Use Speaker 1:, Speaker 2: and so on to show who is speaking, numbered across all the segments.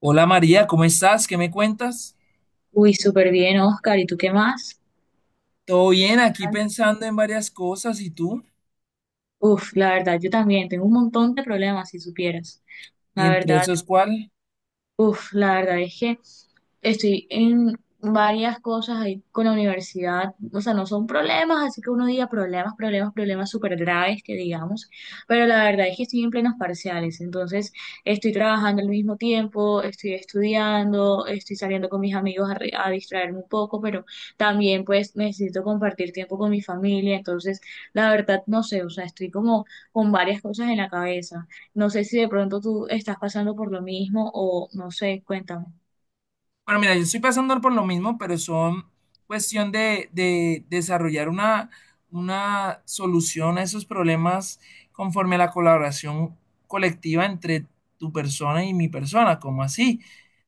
Speaker 1: Hola María, ¿cómo estás? ¿Qué me cuentas?
Speaker 2: Uy, súper bien, Oscar. ¿Y tú qué más?
Speaker 1: Todo bien,
Speaker 2: ¿Qué
Speaker 1: aquí
Speaker 2: tal?
Speaker 1: pensando en varias cosas, ¿y tú?
Speaker 2: Uf, la verdad, yo también tengo un montón de problemas, si supieras.
Speaker 1: ¿Y
Speaker 2: La
Speaker 1: entre
Speaker 2: verdad,
Speaker 1: esos cuál?
Speaker 2: Uf, la verdad es que estoy en varias cosas ahí con la universidad, o sea, no son problemas, así que uno diga problemas, problemas, problemas súper graves que digamos, pero la verdad es que estoy en plenos parciales, entonces estoy trabajando al mismo tiempo, estoy estudiando, estoy saliendo con mis amigos a, a distraerme un poco, pero también pues necesito compartir tiempo con mi familia, entonces la verdad no sé, o sea, estoy como con varias cosas en la cabeza. No sé si de pronto tú estás pasando por lo mismo o no sé, cuéntame.
Speaker 1: Bueno, mira, yo estoy pasando por lo mismo, pero son cuestión de desarrollar una solución a esos problemas conforme a la colaboración colectiva entre tu persona y mi persona, como así.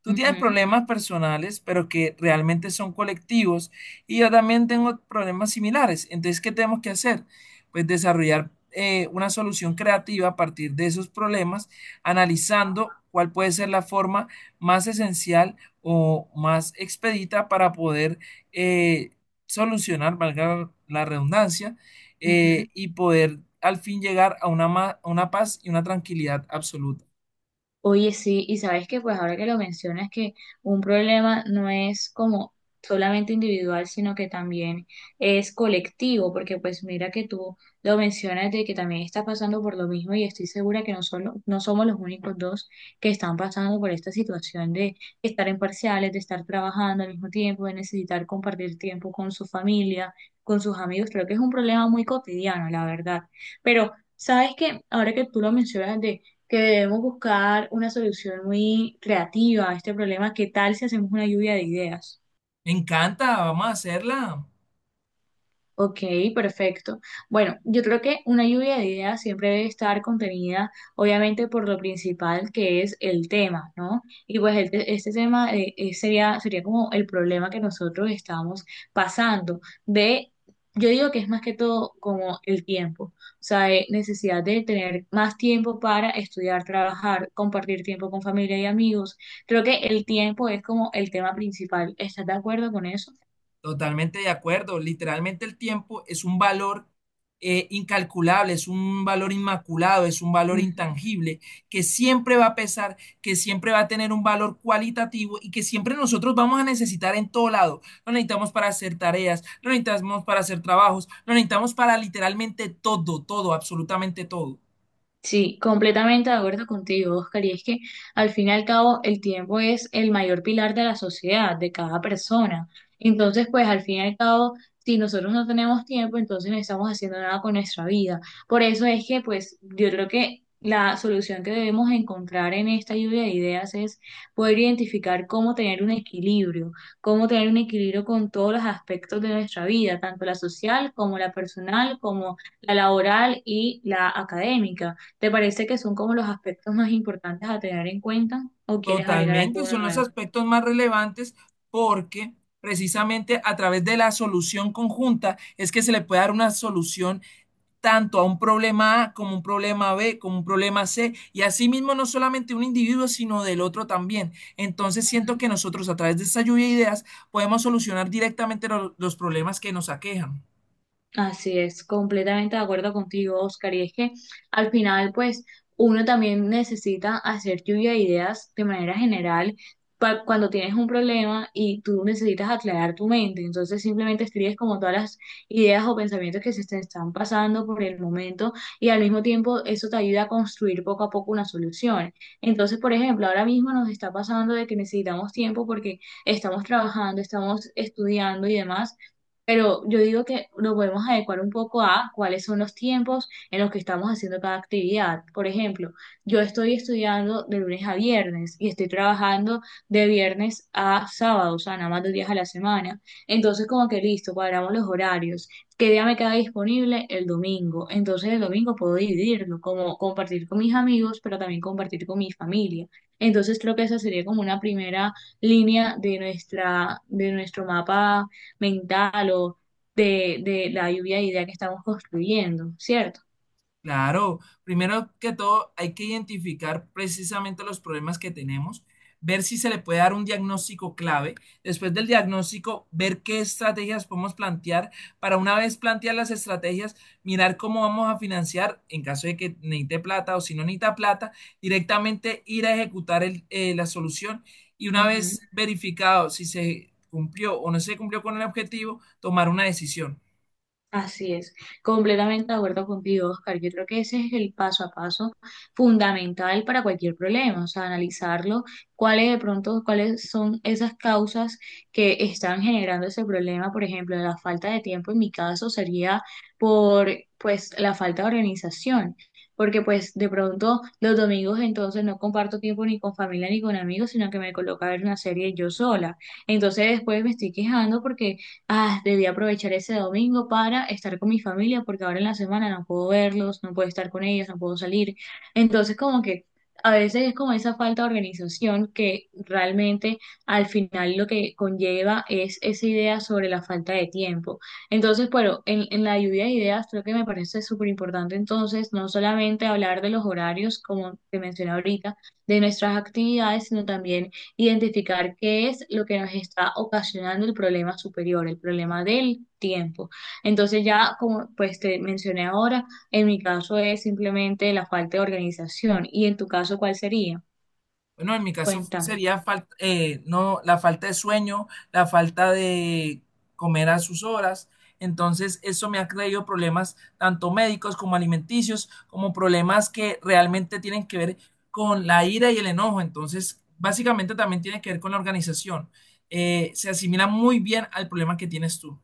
Speaker 1: Tú tienes
Speaker 2: Ujú,
Speaker 1: problemas personales, pero que realmente son colectivos, y yo también tengo problemas similares. Entonces, ¿qué tenemos que hacer? Pues desarrollar una solución creativa a partir de esos problemas, analizando cuál puede ser la forma más esencial o más expedita para poder eh, solucionar, valga la redundancia,
Speaker 2: ujú.
Speaker 1: y poder al fin llegar a una, a una paz y una tranquilidad absoluta.
Speaker 2: Oye, sí, y sabes que pues ahora que lo mencionas que un problema no es como solamente individual, sino que también es colectivo, porque pues mira que tú lo mencionas de que también estás pasando por lo mismo y estoy segura que no solo, no somos los únicos dos que están pasando por esta situación de estar en parciales, de estar trabajando al mismo tiempo, de necesitar compartir tiempo con su familia, con sus amigos. Creo que es un problema muy cotidiano, la verdad. Pero sabes que ahora que tú lo mencionas que debemos buscar una solución muy creativa a este problema. ¿Qué tal si hacemos una lluvia de ideas?
Speaker 1: Me encanta, vamos a hacerla.
Speaker 2: Ok, perfecto. Bueno, yo creo que una lluvia de ideas siempre debe estar contenida, obviamente, por lo principal que es el tema, ¿no? Y pues el este tema sería como el problema que nosotros estamos pasando de, yo digo que es más que todo como el tiempo, o sea, necesidad de tener más tiempo para estudiar, trabajar, compartir tiempo con familia y amigos. Creo que el tiempo es como el tema principal. ¿Estás de acuerdo con eso?
Speaker 1: Totalmente de acuerdo. Literalmente el tiempo es un valor incalculable, es un valor inmaculado, es un valor intangible que siempre va a pesar, que siempre va a tener un valor cualitativo y que siempre nosotros vamos a necesitar en todo lado. Lo necesitamos para hacer tareas, lo necesitamos para hacer trabajos, lo necesitamos para literalmente todo, todo, absolutamente todo.
Speaker 2: Sí, completamente de acuerdo contigo, Oscar. Y es que al fin y al cabo el tiempo es el mayor pilar de la sociedad, de cada persona. Entonces, pues al fin y al cabo, si nosotros no tenemos tiempo, entonces no estamos haciendo nada con nuestra vida. Por eso es que, pues, yo creo que la solución que debemos encontrar en esta lluvia de ideas es poder identificar cómo tener un equilibrio, cómo tener un equilibrio con todos los aspectos de nuestra vida, tanto la social como la personal, como la laboral y la académica. ¿Te parece que son como los aspectos más importantes a tener en cuenta o quieres agregar
Speaker 1: Totalmente,
Speaker 2: alguno
Speaker 1: son los
Speaker 2: nuevo?
Speaker 1: aspectos más relevantes porque precisamente a través de la solución conjunta es que se le puede dar una solución tanto a un problema A como un problema B, como un problema C, y asimismo no solamente un individuo, sino del otro también. Entonces siento que
Speaker 2: Ujú.
Speaker 1: nosotros a través de esta lluvia de ideas podemos solucionar directamente los problemas que nos aquejan.
Speaker 2: Así es, completamente de acuerdo contigo, Oscar. Y es que al final, pues, uno también necesita hacer lluvia de ideas de manera general cuando tienes un problema y tú necesitas aclarar tu mente. Entonces, simplemente escribes como todas las ideas o pensamientos que se te están pasando por el momento y al mismo tiempo eso te ayuda a construir poco a poco una solución. Entonces, por ejemplo, ahora mismo nos está pasando de que necesitamos tiempo porque estamos trabajando, estamos estudiando y demás pero yo digo que nos podemos adecuar un poco a cuáles son los tiempos en los que estamos haciendo cada actividad. Por ejemplo, yo estoy estudiando de lunes a viernes y estoy trabajando de viernes a sábado, o sea, nada más 2 días a la semana. Entonces, como que listo, cuadramos los horarios. ¿Qué día me queda disponible? El domingo. Entonces, el domingo puedo dividirlo, como compartir con mis amigos, pero también compartir con mi familia. Entonces, creo que esa sería como una primera línea de nuestra, de nuestro mapa mental o de la lluvia de idea que estamos construyendo, ¿cierto?
Speaker 1: Claro, primero que todo hay que identificar precisamente los problemas que tenemos, ver si se le puede dar un diagnóstico clave, después del diagnóstico ver qué estrategias podemos plantear, para una vez plantear las estrategias, mirar cómo vamos a financiar en caso de que necesite plata o si no necesita plata, directamente ir a ejecutar la solución y una
Speaker 2: Ujú.
Speaker 1: vez verificado si se cumplió o no se cumplió con el objetivo, tomar una decisión.
Speaker 2: Así es, completamente de acuerdo contigo, Oscar. Yo creo que ese es el paso a paso fundamental para cualquier problema, o sea, analizarlo, cuáles de pronto, cuáles son esas causas que están generando ese problema, por ejemplo, la falta de tiempo en mi caso sería por, pues, la falta de organización, porque pues de pronto los domingos entonces no comparto tiempo ni con familia ni con amigos, sino que me coloco a ver una serie yo sola. Entonces después me estoy quejando porque Ah, debí aprovechar ese domingo para estar con mi familia porque ahora en la semana no puedo verlos, no puedo estar con ellos, no puedo salir. Entonces, como que a veces es como esa falta de organización que realmente al final lo que conlleva es esa idea sobre la falta de tiempo. Entonces, bueno, en la lluvia de ideas creo que me parece súper importante entonces no solamente hablar de los horarios, como te mencioné ahorita, de nuestras actividades, sino también identificar qué es lo que nos está ocasionando el problema superior, el problema del tiempo. Entonces ya, como pues te mencioné ahora, en mi caso es simplemente la falta de organización. ¿Y en tu caso cuál sería?
Speaker 1: Bueno, en mi caso
Speaker 2: Cuéntame.
Speaker 1: sería no, la falta de sueño, la falta de comer a sus horas. Entonces, eso me ha traído problemas tanto médicos como alimenticios, como problemas que realmente tienen que ver con la ira y el enojo. Entonces, básicamente también tiene que ver con la organización. Se asimila muy bien al problema que tienes tú.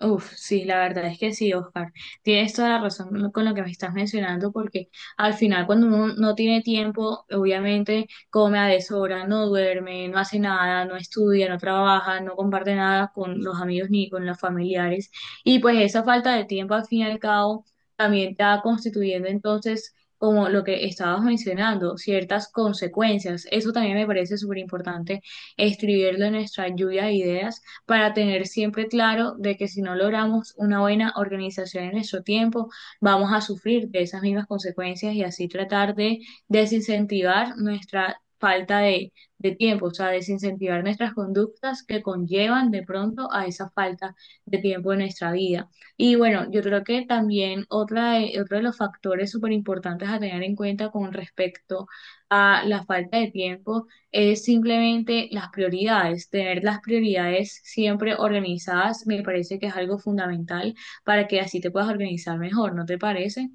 Speaker 2: Uf, sí, la verdad es que sí, Oscar. Tienes toda la razón con lo que me estás mencionando, porque al final cuando uno no tiene tiempo, obviamente come a deshora, no duerme, no hace nada, no estudia, no trabaja, no comparte nada con los amigos ni con los familiares. Y pues esa falta de tiempo al fin y al cabo también está constituyendo entonces, como lo que estabas mencionando, ciertas consecuencias. Eso también me parece súper importante escribirlo en nuestra lluvia de ideas para tener siempre claro de que si no logramos una buena organización en nuestro tiempo, vamos a sufrir de esas mismas consecuencias y así tratar de desincentivar nuestra falta de tiempo, o sea, desincentivar nuestras conductas que conllevan de pronto a esa falta de tiempo en nuestra vida. Y bueno, yo creo que también otra de, otro de los factores súper importantes a tener en cuenta con respecto a la falta de tiempo es simplemente las prioridades. Tener las prioridades siempre organizadas me parece que es algo fundamental para que así te puedas organizar mejor, ¿no te parece?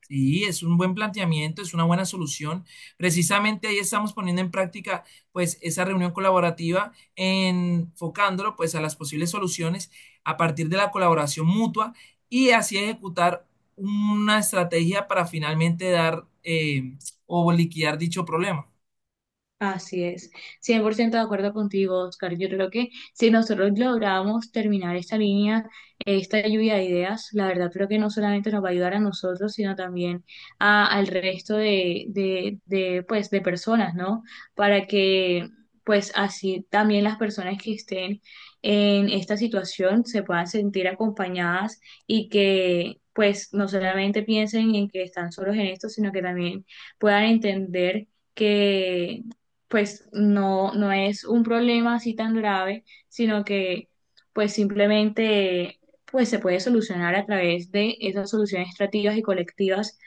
Speaker 1: Sí, es un buen planteamiento, es una buena solución. Precisamente ahí estamos poniendo en práctica pues esa reunión colaborativa, enfocándolo pues a las posibles soluciones a partir de la colaboración mutua y así ejecutar una estrategia para finalmente dar o liquidar dicho problema.
Speaker 2: Así es, 100% de acuerdo contigo, Oscar. Yo creo que si nosotros logramos terminar esta línea, esta lluvia de ideas, la verdad creo que no solamente nos va a ayudar a nosotros, sino también al resto pues, de personas, ¿no? Para que, pues, así también las personas que estén en esta situación se puedan sentir acompañadas y que, pues, no solamente piensen en que están solos en esto, sino que también puedan entender que pues no, no es un problema así tan grave, sino que pues simplemente pues se puede solucionar a través de esas soluciones estrategas y colectivas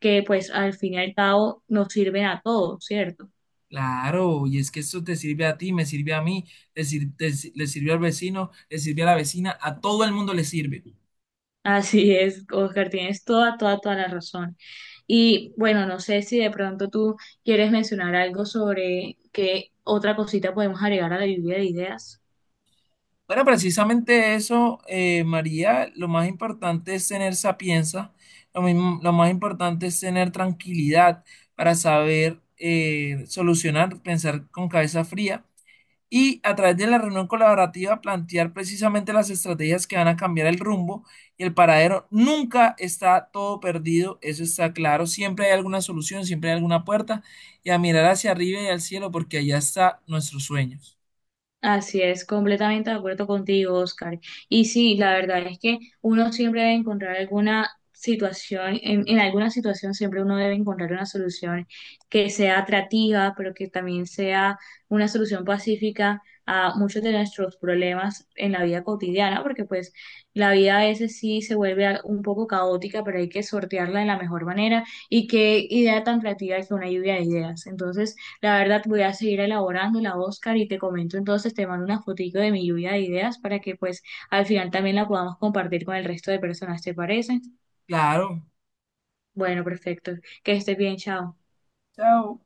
Speaker 2: que pues al fin y al cabo nos sirven a todos, ¿cierto?
Speaker 1: Claro, y es que esto te sirve a ti, me sirve a mí, le sir- te- si-, le sirve al vecino, le sirve a la vecina, a todo el mundo le sirve.
Speaker 2: Así es, Oscar, tienes toda, toda, toda la razón. Y bueno, no sé si de pronto tú quieres mencionar algo sobre qué otra cosita podemos agregar a la lluvia de ideas.
Speaker 1: Bueno, precisamente eso, María, lo más importante es tener sapienza, lo mismo, lo más importante es tener tranquilidad para saber solucionar, pensar con cabeza fría y a través de la reunión colaborativa plantear precisamente las estrategias que van a cambiar el rumbo y el paradero. Nunca está todo perdido, eso está claro, siempre hay alguna solución, siempre hay alguna puerta y a mirar hacia arriba y al cielo porque allá está nuestros sueños.
Speaker 2: Así es, completamente de acuerdo contigo, Oscar. Y sí, la verdad es que uno siempre debe encontrar alguna situación, en alguna situación siempre uno debe encontrar una solución que sea atractiva, pero que también sea una solución pacífica a muchos de nuestros problemas en la vida cotidiana, porque pues la vida a veces sí se vuelve un poco caótica, pero hay que sortearla de la mejor manera. Y qué idea tan creativa que una lluvia de ideas. Entonces, la verdad, voy a seguir elaborando la Oscar y te comento entonces, te mando una fotico de mi lluvia de ideas para que pues al final también la podamos compartir con el resto de personas, ¿te parece?
Speaker 1: Claro,
Speaker 2: Bueno, perfecto. Que estés bien, chao.
Speaker 1: chao.